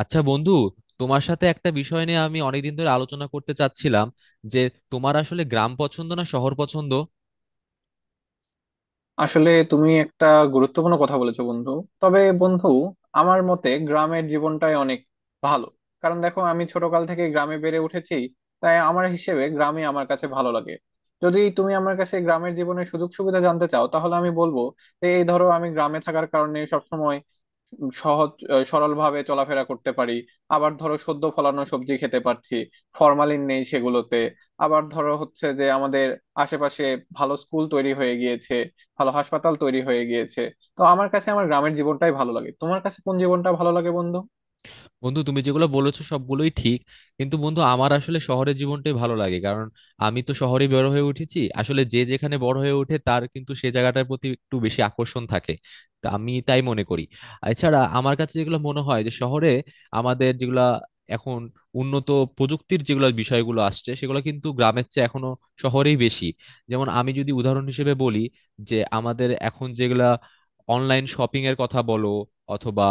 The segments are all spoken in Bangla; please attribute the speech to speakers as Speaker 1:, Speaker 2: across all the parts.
Speaker 1: আচ্ছা বন্ধু, তোমার সাথে একটা বিষয় নিয়ে আমি অনেকদিন ধরে আলোচনা করতে চাচ্ছিলাম যে তোমার আসলে গ্রাম পছন্দ না শহর পছন্দ।
Speaker 2: আসলে তুমি একটা গুরুত্বপূর্ণ কথা বলেছো বন্ধু। তবে বন্ধু, আমার মতে গ্রামের জীবনটাই অনেক ভালো। কারণ দেখো, আমি ছোটকাল থেকে গ্রামে বেড়ে উঠেছি, তাই আমার হিসেবে গ্রামে আমার কাছে ভালো লাগে। যদি তুমি আমার কাছে গ্রামের জীবনের সুযোগ সুবিধা জানতে চাও তাহলে আমি বলবো যে, এই ধরো, আমি গ্রামে থাকার কারণে সবসময় সহজ সরল ভাবে চলাফেরা করতে পারি। আবার ধরো, সদ্য ফলানো সবজি খেতে পারছি, ফরমালিন নেই সেগুলোতে। আবার ধরো হচ্ছে যে আমাদের আশেপাশে ভালো স্কুল তৈরি হয়ে গিয়েছে, ভালো হাসপাতাল তৈরি হয়ে গিয়েছে। তো আমার কাছে আমার গ্রামের জীবনটাই ভালো লাগে। তোমার কাছে কোন জীবনটা ভালো লাগে বন্ধু?
Speaker 1: বন্ধু, তুমি যেগুলো বলেছো সবগুলোই ঠিক, কিন্তু বন্ধু আমার আসলে শহরের জীবনটাই ভালো লাগে। কারণ আমি তো শহরে বড় হয়ে উঠেছি, আসলে যে যেখানে বড় হয়ে ওঠে তার কিন্তু সে জায়গাটার প্রতি একটু বেশি আকর্ষণ থাকে, তা আমি তাই মনে করি। এছাড়া আমার কাছে যেগুলো মনে হয় যে শহরে আমাদের যেগুলা এখন উন্নত প্রযুক্তির যেগুলো বিষয়গুলো আসছে সেগুলো কিন্তু গ্রামের চেয়ে এখনো শহরেই বেশি। যেমন আমি যদি উদাহরণ হিসেবে বলি যে আমাদের এখন যেগুলা অনলাইন শপিং এর কথা বলো অথবা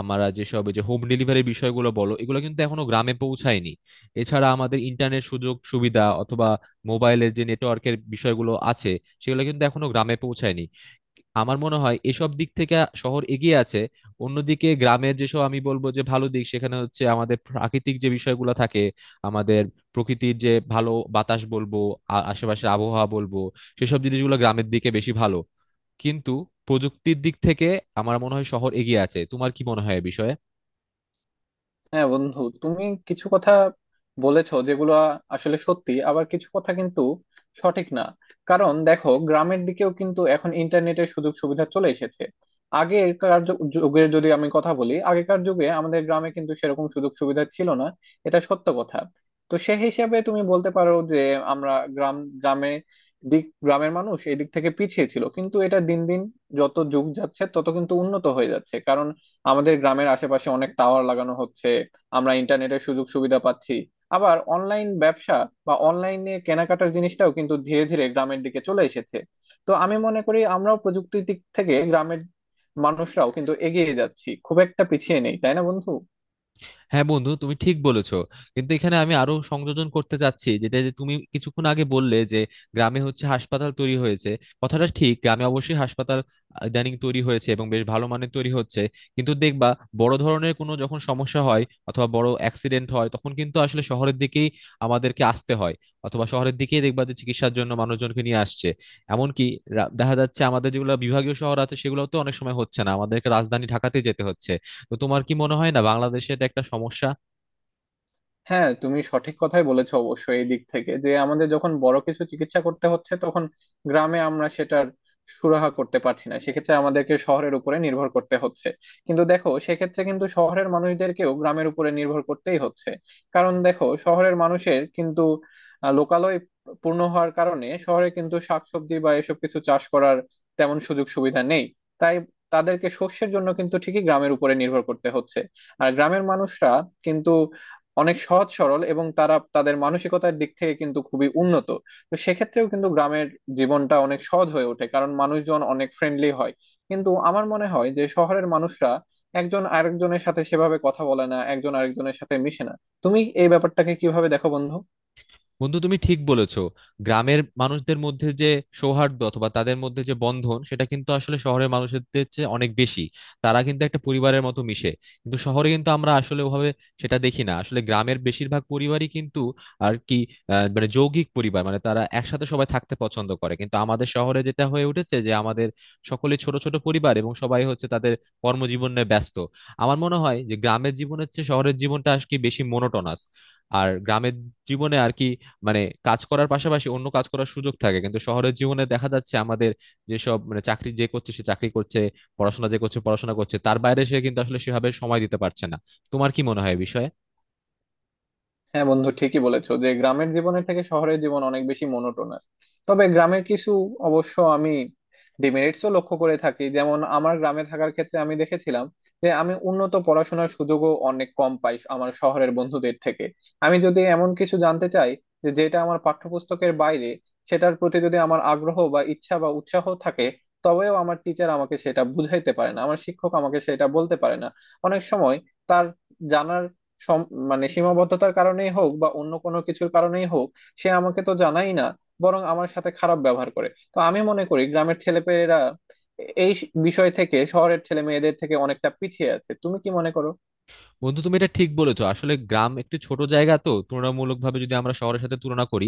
Speaker 1: আমরা যেসব এই যে হোম ডেলিভারির বিষয়গুলো বলো, এগুলো কিন্তু এখনো গ্রামে পৌঁছায়নি। এছাড়া আমাদের ইন্টারনেট সুযোগ সুবিধা অথবা মোবাইলের যে নেটওয়ার্কের বিষয়গুলো আছে সেগুলো কিন্তু এখনো গ্রামে পৌঁছায়নি। আমার মনে হয় এসব দিক থেকে শহর এগিয়ে আছে। অন্যদিকে গ্রামের যেসব আমি বলবো যে ভালো দিক সেখানে হচ্ছে আমাদের প্রাকৃতিক যে বিষয়গুলো থাকে, আমাদের প্রকৃতির যে ভালো বাতাস বলবো, আশেপাশের আবহাওয়া বলবো, সেসব জিনিসগুলো গ্রামের দিকে বেশি ভালো। কিন্তু প্রযুক্তির দিক থেকে আমার মনে হয় শহর এগিয়ে আছে। তোমার কি মনে হয় এ বিষয়ে?
Speaker 2: হ্যাঁ বন্ধু, তুমি কিছু কথা বলেছো যেগুলো আসলে সত্যি, আবার কিছু কথা কিন্তু সঠিক না। কারণ দেখো, গ্রামের দিকেও কিন্তু এখন ইন্টারনেটের সুযোগ সুবিধা চলে এসেছে। আগেকার যুগের যদি আমি কথা বলি, আগেকার যুগে আমাদের গ্রামে কিন্তু সেরকম সুযোগ সুবিধা ছিল না, এটা সত্য কথা। তো সে হিসাবে তুমি বলতে পারো যে, আমরা গ্রামে দিক, গ্রামের মানুষ এই দিক থেকে পিছিয়ে ছিল, কিন্তু এটা দিন দিন, যত যুগ যাচ্ছে তত কিন্তু উন্নত হয়ে যাচ্ছে। কারণ আমাদের গ্রামের আশেপাশে অনেক টাওয়ার লাগানো হচ্ছে, আমরা ইন্টারনেটের সুযোগ সুবিধা পাচ্ছি। আবার অনলাইন ব্যবসা বা অনলাইনে কেনাকাটার জিনিসটাও কিন্তু ধীরে ধীরে গ্রামের দিকে চলে এসেছে। তো আমি মনে করি আমরাও প্রযুক্তির দিক থেকে গ্রামের মানুষরাও কিন্তু এগিয়ে যাচ্ছি, খুব একটা পিছিয়ে নেই, তাই না বন্ধু?
Speaker 1: হ্যাঁ বন্ধু, তুমি ঠিক বলেছো। কিন্তু এখানে আমি আরো সংযোজন করতে চাচ্ছি, যেটা যে তুমি কিছুক্ষণ আগে বললে যে গ্রামে হচ্ছে হাসপাতাল তৈরি হয়েছে। কথাটা ঠিক, গ্রামে অবশ্যই হাসপাতাল ইদানিং তৈরি হয়েছে এবং বেশ ভালো মানের তৈরি হচ্ছে। কিন্তু দেখবা বড় ধরনের কোনো যখন সমস্যা হয় অথবা বড় অ্যাক্সিডেন্ট হয়, তখন কিন্তু আসলে শহরের দিকেই আমাদেরকে আসতে হয়, অথবা শহরের দিকেই দেখবা যে চিকিৎসার জন্য মানুষজনকে নিয়ে আসছে। এমনকি দেখা যাচ্ছে আমাদের যেগুলো বিভাগীয় শহর আছে সেগুলোতেও অনেক সময় হচ্ছে না, আমাদেরকে রাজধানী ঢাকাতে যেতে হচ্ছে। তো তোমার কি মনে হয় না বাংলাদেশে এটা একটা সমস্যা?
Speaker 2: হ্যাঁ, তুমি সঠিক কথাই বলেছো। অবশ্যই এই দিক থেকে যে আমাদের যখন বড় কিছু চিকিৎসা করতে হচ্ছে, তখন গ্রামে আমরা সেটার সুরাহা করতে পারছি না, সেক্ষেত্রে আমাদেরকে শহরের উপরে নির্ভর করতে হচ্ছে। কিন্তু দেখো, সেক্ষেত্রে কিন্তু শহরের মানুষদেরকেও গ্রামের উপরে নির্ভর করতেই হচ্ছে। কারণ দেখো, শহরের মানুষের কিন্তু লোকালয় পূর্ণ হওয়ার কারণে শহরে কিন্তু শাকসবজি বা এসব কিছু চাষ করার তেমন সুযোগ সুবিধা নেই। তাই তাদেরকে শস্যের জন্য কিন্তু ঠিকই গ্রামের উপরে নির্ভর করতে হচ্ছে। আর গ্রামের মানুষরা কিন্তু অনেক সহজ সরল, এবং তারা তাদের মানসিকতার দিক থেকে কিন্তু খুবই উন্নত। তো সেক্ষেত্রেও কিন্তু গ্রামের জীবনটা অনেক সহজ হয়ে ওঠে, কারণ মানুষজন অনেক ফ্রেন্ডলি হয়। কিন্তু আমার মনে হয় যে শহরের মানুষরা একজন আরেকজনের সাথে সেভাবে কথা বলে না, একজন আরেকজনের সাথে মিশে না। তুমি এই ব্যাপারটাকে কিভাবে দেখো বন্ধু?
Speaker 1: বন্ধু, তুমি ঠিক বলেছো। গ্রামের মানুষদের মধ্যে যে সৌহার্দ্য অথবা তাদের মধ্যে যে বন্ধন সেটা কিন্তু আসলে শহরের মানুষদের চেয়ে অনেক বেশি। তারা কিন্তু একটা পরিবারের মতো মিশে, কিন্তু শহরে কিন্তু আমরা আসলে ওভাবে সেটা দেখি না। আসলে গ্রামের বেশিরভাগ পরিবারই কিন্তু আর কি মানে যৌগিক পরিবার, মানে তারা একসাথে সবাই থাকতে পছন্দ করে। কিন্তু আমাদের শহরে যেটা হয়ে উঠেছে যে আমাদের সকলে ছোট ছোট পরিবার এবং সবাই হচ্ছে তাদের কর্মজীবনে ব্যস্ত। আমার মনে হয় যে গ্রামের জীবনের চেয়ে শহরের জীবনটা আর কি বেশি মোনোটোনাস। আর গ্রামের জীবনে আর কি মানে কাজ করার পাশাপাশি অন্য কাজ করার সুযোগ থাকে, কিন্তু শহরের জীবনে দেখা যাচ্ছে আমাদের যেসব মানে চাকরি যে করছে সে চাকরি করছে, পড়াশোনা যে করছে পড়াশোনা করছে, তার বাইরে সে কিন্তু আসলে সেভাবে সময় দিতে পারছে না। তোমার কি মনে হয় এ বিষয়ে?
Speaker 2: হ্যাঁ বন্ধু, ঠিকই বলেছো যে গ্রামের জীবনের থেকে শহরের জীবন অনেক বেশি মোনোটোনাস। তবে গ্রামের কিছু অবশ্য আমি ডিমেরিটসও লক্ষ্য করে থাকি। যেমন আমার গ্রামে থাকার ক্ষেত্রে আমি দেখেছিলাম যে আমি উন্নত পড়াশোনার সুযোগও অনেক কম পাই আমার শহরের বন্ধুদের থেকে। আমি যদি এমন কিছু জানতে চাই যে, যেটা আমার পাঠ্যপুস্তকের বাইরে, সেটার প্রতি যদি আমার আগ্রহ বা ইচ্ছা বা উৎসাহ থাকে, তবেও আমার টিচার আমাকে সেটা বুঝাইতে পারে না, আমার শিক্ষক আমাকে সেটা বলতে পারে না। অনেক সময় তার জানার মানে সীমাবদ্ধতার কারণেই হোক বা অন্য কোনো কিছুর কারণেই হোক, সে আমাকে তো জানাই না, বরং আমার সাথে খারাপ ব্যবহার করে। তো আমি মনে করি গ্রামের ছেলেপেলেরা এই বিষয় থেকে শহরের ছেলে মেয়েদের থেকে অনেকটা পিছিয়ে আছে। তুমি কি মনে করো?
Speaker 1: বন্ধু, তুমি এটা ঠিক বলেছো। আসলে গ্রাম একটু ছোট জায়গা, তো তুলনামূলকভাবে যদি আমরা শহরের সাথে তুলনা করি,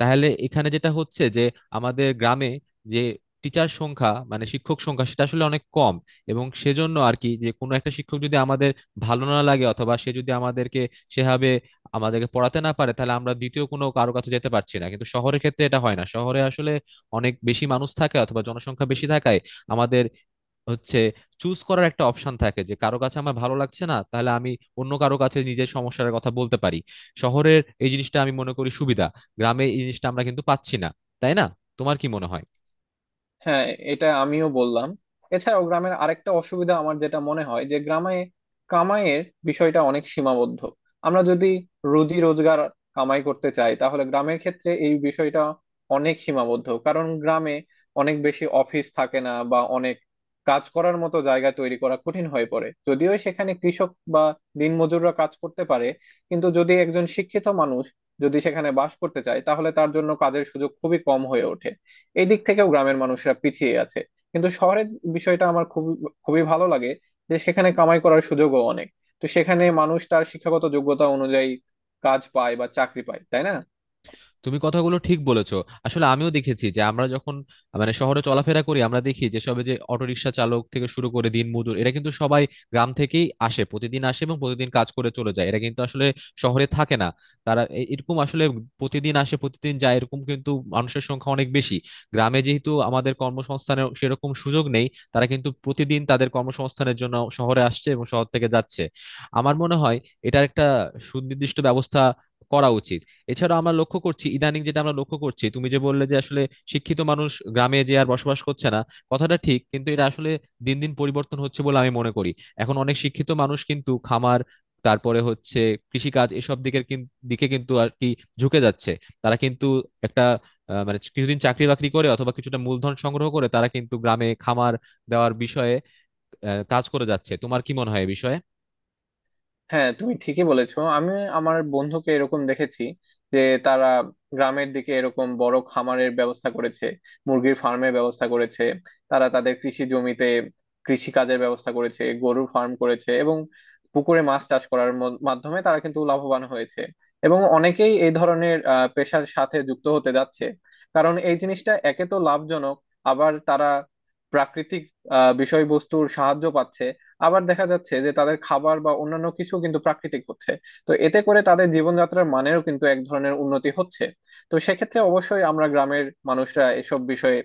Speaker 1: তাহলে এখানে যেটা হচ্ছে যে আমাদের গ্রামে যে টিচার সংখ্যা মানে শিক্ষক সংখ্যা সেটা আসলে অনেক কম। এবং সেজন্য আর কি যে কোনো একটা শিক্ষক যদি আমাদের ভালো না লাগে অথবা সে যদি আমাদেরকে সেভাবে আমাদেরকে পড়াতে না পারে, তাহলে আমরা দ্বিতীয় কোনো কারো কাছে যেতে পারছি না। কিন্তু শহরের ক্ষেত্রে এটা হয় না, শহরে আসলে অনেক বেশি মানুষ থাকে অথবা জনসংখ্যা বেশি থাকায় আমাদের হচ্ছে চুজ করার একটা অপশন থাকে, যে কারো কাছে আমার ভালো লাগছে না তাহলে আমি অন্য কারো কাছে নিজের সমস্যার কথা বলতে পারি। শহরের এই জিনিসটা আমি মনে করি সুবিধা, গ্রামে এই জিনিসটা আমরা কিন্তু পাচ্ছি না, তাই না? তোমার কি মনে হয়?
Speaker 2: হ্যাঁ, এটা আমিও বললাম। এছাড়াও গ্রামের আরেকটা অসুবিধা আমার যেটা মনে হয় যে গ্রামে কামাইয়ের বিষয়টা অনেক সীমাবদ্ধ। আমরা যদি রুজি রোজগার কামাই করতে চাই তাহলে গ্রামের ক্ষেত্রে এই বিষয়টা অনেক সীমাবদ্ধ, কারণ গ্রামে অনেক বেশি অফিস থাকে না বা অনেক কাজ করার মতো জায়গা তৈরি করা কঠিন হয়ে পড়ে। যদিও সেখানে কৃষক বা দিনমজুররা কাজ করতে পারে, কিন্তু যদি একজন শিক্ষিত মানুষ যদি সেখানে বাস করতে চায় তাহলে তার জন্য কাজের সুযোগ খুবই কম হয়ে ওঠে। এই দিক থেকেও গ্রামের মানুষরা পিছিয়ে আছে। কিন্তু শহরের বিষয়টা আমার খুবই খুবই ভালো লাগে যে সেখানে কামাই করার সুযোগও অনেক। তো সেখানে মানুষ তার শিক্ষাগত যোগ্যতা অনুযায়ী কাজ পায় বা চাকরি পায়, তাই না?
Speaker 1: তুমি কথাগুলো ঠিক বলেছো। আসলে আমিও দেখেছি যে আমরা যখন মানে শহরে চলাফেরা করি আমরা দেখি যে সবে যে অটোরিকশা চালক থেকে শুরু করে দিনমজুর এরা কিন্তু সবাই গ্রাম থেকেই আসে, প্রতিদিন আসে এবং প্রতিদিন কাজ করে চলে যায়। এরা কিন্তু আসলে শহরে থাকে না। তারা এরকম আসলে প্রতিদিন আসে প্রতিদিন যায়, এরকম কিন্তু মানুষের সংখ্যা অনেক বেশি। গ্রামে যেহেতু আমাদের কর্মসংস্থানের সেরকম সুযোগ নেই, তারা কিন্তু প্রতিদিন তাদের কর্মসংস্থানের জন্য শহরে আসছে এবং শহর থেকে যাচ্ছে। আমার মনে হয় এটার একটা সুনির্দিষ্ট ব্যবস্থা করা উচিত। এছাড়া আমরা লক্ষ্য করছি ইদানিং, যেটা আমরা লক্ষ্য করছি তুমি যে বললে যে আসলে শিক্ষিত মানুষ গ্রামে যে আর বসবাস করছে না, কথাটা ঠিক। কিন্তু এটা আসলে দিন দিন পরিবর্তন হচ্ছে বলে আমি মনে করি। এখন অনেক শিক্ষিত মানুষ কিন্তু খামার, তারপরে হচ্ছে কৃষিকাজ, এসব দিকের দিকে কিন্তু আর কি ঝুঁকে যাচ্ছে। তারা কিন্তু একটা মানে কিছুদিন চাকরি বাকরি করে অথবা কিছুটা মূলধন সংগ্রহ করে তারা কিন্তু গ্রামে খামার দেওয়ার বিষয়ে কাজ করে যাচ্ছে। তোমার কি মনে হয় এ বিষয়ে?
Speaker 2: হ্যাঁ, তুমি ঠিকই বলেছো। আমি আমার বন্ধুকে এরকম দেখেছি যে তারা গ্রামের দিকে এরকম বড় খামারের ব্যবস্থা করেছে, মুরগির ফার্মের ব্যবস্থা করেছে, তারা তাদের কৃষি জমিতে কৃষি কাজের ব্যবস্থা করেছে, গরুর ফার্ম করেছে, এবং পুকুরে মাছ চাষ করার মাধ্যমে তারা কিন্তু লাভবান হয়েছে। এবং অনেকেই এই ধরনের পেশার সাথে যুক্ত হতে যাচ্ছে। কারণ এই জিনিসটা একে তো লাভজনক, আবার তারা প্রাকৃতিক বিষয়বস্তুর সাহায্য পাচ্ছে। আবার দেখা যাচ্ছে যে তাদের খাবার বা অন্যান্য কিছু কিন্তু প্রাকৃতিক হচ্ছে। তো এতে করে তাদের জীবনযাত্রার মানেরও কিন্তু এক ধরনের উন্নতি হচ্ছে। তো সেক্ষেত্রে অবশ্যই আমরা গ্রামের মানুষরা এসব বিষয়ে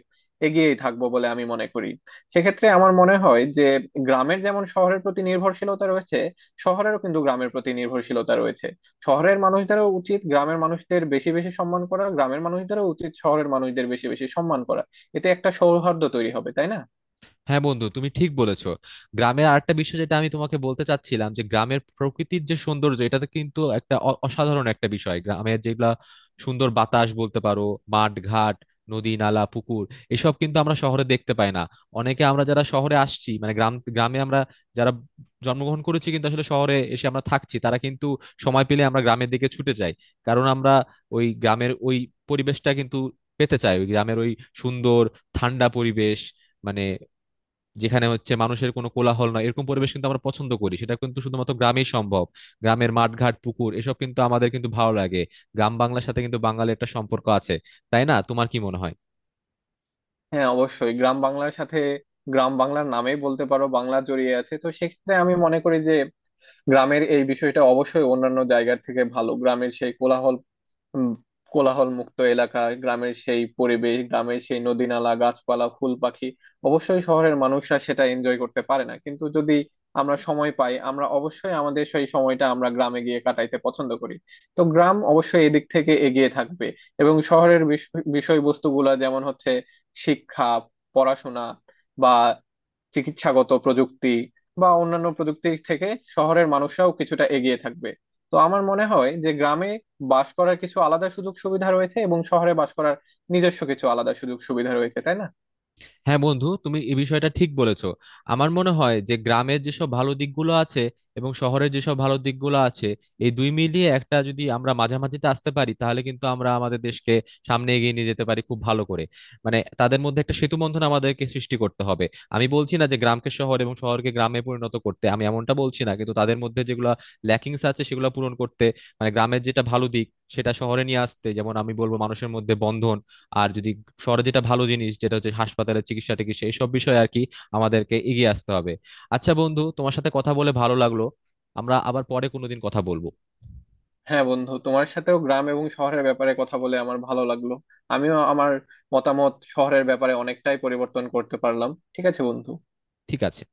Speaker 2: এগিয়েই থাকবো বলে আমি মনে করি। সেক্ষেত্রে আমার মনে হয় যে গ্রামের যেমন শহরের প্রতি নির্ভরশীলতা রয়েছে, শহরেরও কিন্তু গ্রামের প্রতি নির্ভরশীলতা রয়েছে। শহরের মানুষদেরও উচিত গ্রামের মানুষদের বেশি বেশি সম্মান করা, গ্রামের মানুষদেরও উচিত শহরের মানুষদের বেশি বেশি সম্মান করা। এতে একটা সৌহার্দ্য তৈরি হবে, তাই না?
Speaker 1: হ্যাঁ বন্ধু, তুমি ঠিক বলেছো। গ্রামের আরেকটা বিষয় যেটা আমি তোমাকে বলতে চাচ্ছিলাম যে গ্রামের প্রকৃতির যে সৌন্দর্য, এটা তো কিন্তু একটা অসাধারণ একটা বিষয়। গ্রামের যেগুলা সুন্দর বাতাস বলতে পারো, মাঠ ঘাট, নদী নালা পুকুর, এসব কিন্তু আমরা শহরে দেখতে পাই না। অনেকে আমরা যারা শহরে আসছি মানে গ্রামে আমরা যারা জন্মগ্রহণ করেছি কিন্তু আসলে শহরে এসে আমরা থাকছি, তারা কিন্তু সময় পেলে আমরা গ্রামের দিকে ছুটে যাই। কারণ আমরা ওই গ্রামের ওই পরিবেশটা কিন্তু পেতে চাই, ওই গ্রামের ওই সুন্দর ঠান্ডা পরিবেশ, মানে যেখানে হচ্ছে মানুষের কোনো কোলাহল নয়, এরকম পরিবেশ কিন্তু আমরা পছন্দ করি, সেটা কিন্তু শুধুমাত্র গ্রামেই সম্ভব। গ্রামের মাঠঘাট পুকুর এসব কিন্তু আমাদের কিন্তু ভালো লাগে। গ্রাম বাংলার সাথে কিন্তু বাঙালির একটা সম্পর্ক আছে, তাই না? তোমার কি মনে হয়?
Speaker 2: হ্যাঁ, অবশ্যই গ্রাম বাংলার সাথে, গ্রাম বাংলার নামেই বলতে পারো বাংলা জড়িয়ে আছে। তো সেক্ষেত্রে আমি মনে করি যে গ্রামের এই বিষয়টা অবশ্যই অন্যান্য জায়গার থেকে ভালো। গ্রামের সেই কোলাহল, উম, কোলাহল মুক্ত এলাকা, গ্রামের সেই পরিবেশ, গ্রামের সেই নদী নালা গাছপালা ফুল পাখি, অবশ্যই শহরের মানুষরা সেটা এনজয় করতে পারে না। কিন্তু যদি আমরা সময় পাই, আমরা অবশ্যই আমাদের সেই সময়টা আমরা গ্রামে গিয়ে কাটাইতে পছন্দ করি। তো গ্রাম অবশ্যই এদিক থেকে এগিয়ে থাকবে। এবং শহরের বিষয়বস্তুগুলা যেমন হচ্ছে শিক্ষা, পড়াশোনা, বা চিকিৎসাগত প্রযুক্তি বা অন্যান্য প্রযুক্তির থেকে শহরের মানুষরাও কিছুটা এগিয়ে থাকবে। তো আমার মনে হয় যে গ্রামে বাস করার কিছু আলাদা সুযোগ সুবিধা রয়েছে, এবং শহরে বাস করার নিজস্ব কিছু আলাদা সুযোগ সুবিধা রয়েছে, তাই না?
Speaker 1: হ্যাঁ বন্ধু, তুমি এই বিষয়টা ঠিক বলেছো। আমার মনে হয় যে গ্রামের যেসব ভালো দিকগুলো আছে এবং শহরের যেসব ভালো দিকগুলো আছে, এই দুই মিলিয়ে একটা যদি আমরা মাঝামাঝিতে আসতে পারি, তাহলে কিন্তু আমরা আমাদের দেশকে সামনে এগিয়ে নিয়ে যেতে পারি খুব ভালো করে। মানে তাদের মধ্যে একটা সেতু বন্ধন আমাদেরকে সৃষ্টি করতে হবে। আমি বলছি না যে গ্রামকে শহর এবং শহরকে গ্রামে পরিণত করতে, আমি এমনটা বলছি না। কিন্তু তাদের মধ্যে যেগুলো ল্যাকিংস আছে সেগুলো পূরণ করতে, মানে গ্রামের যেটা ভালো দিক সেটা শহরে নিয়ে আসতে, যেমন আমি বলবো মানুষের মধ্যে বন্ধন। আর যদি শহরে যেটা ভালো জিনিস, যেটা হচ্ছে হাসপাতালের চিকিৎসা টিকিৎসা এইসব বিষয়ে আর কি আমাদেরকে এগিয়ে আসতে হবে। আচ্ছা বন্ধু, তোমার সাথে কথা বলে ভালো লাগলো, আমরা আবার পরে কোনোদিন কথা বলবো।
Speaker 2: হ্যাঁ বন্ধু, তোমার সাথেও গ্রাম এবং শহরের ব্যাপারে কথা বলে আমার ভালো লাগলো। আমিও আমার মতামত শহরের ব্যাপারে অনেকটাই পরিবর্তন করতে পারলাম। ঠিক আছে বন্ধু।
Speaker 1: ঠিক আছে।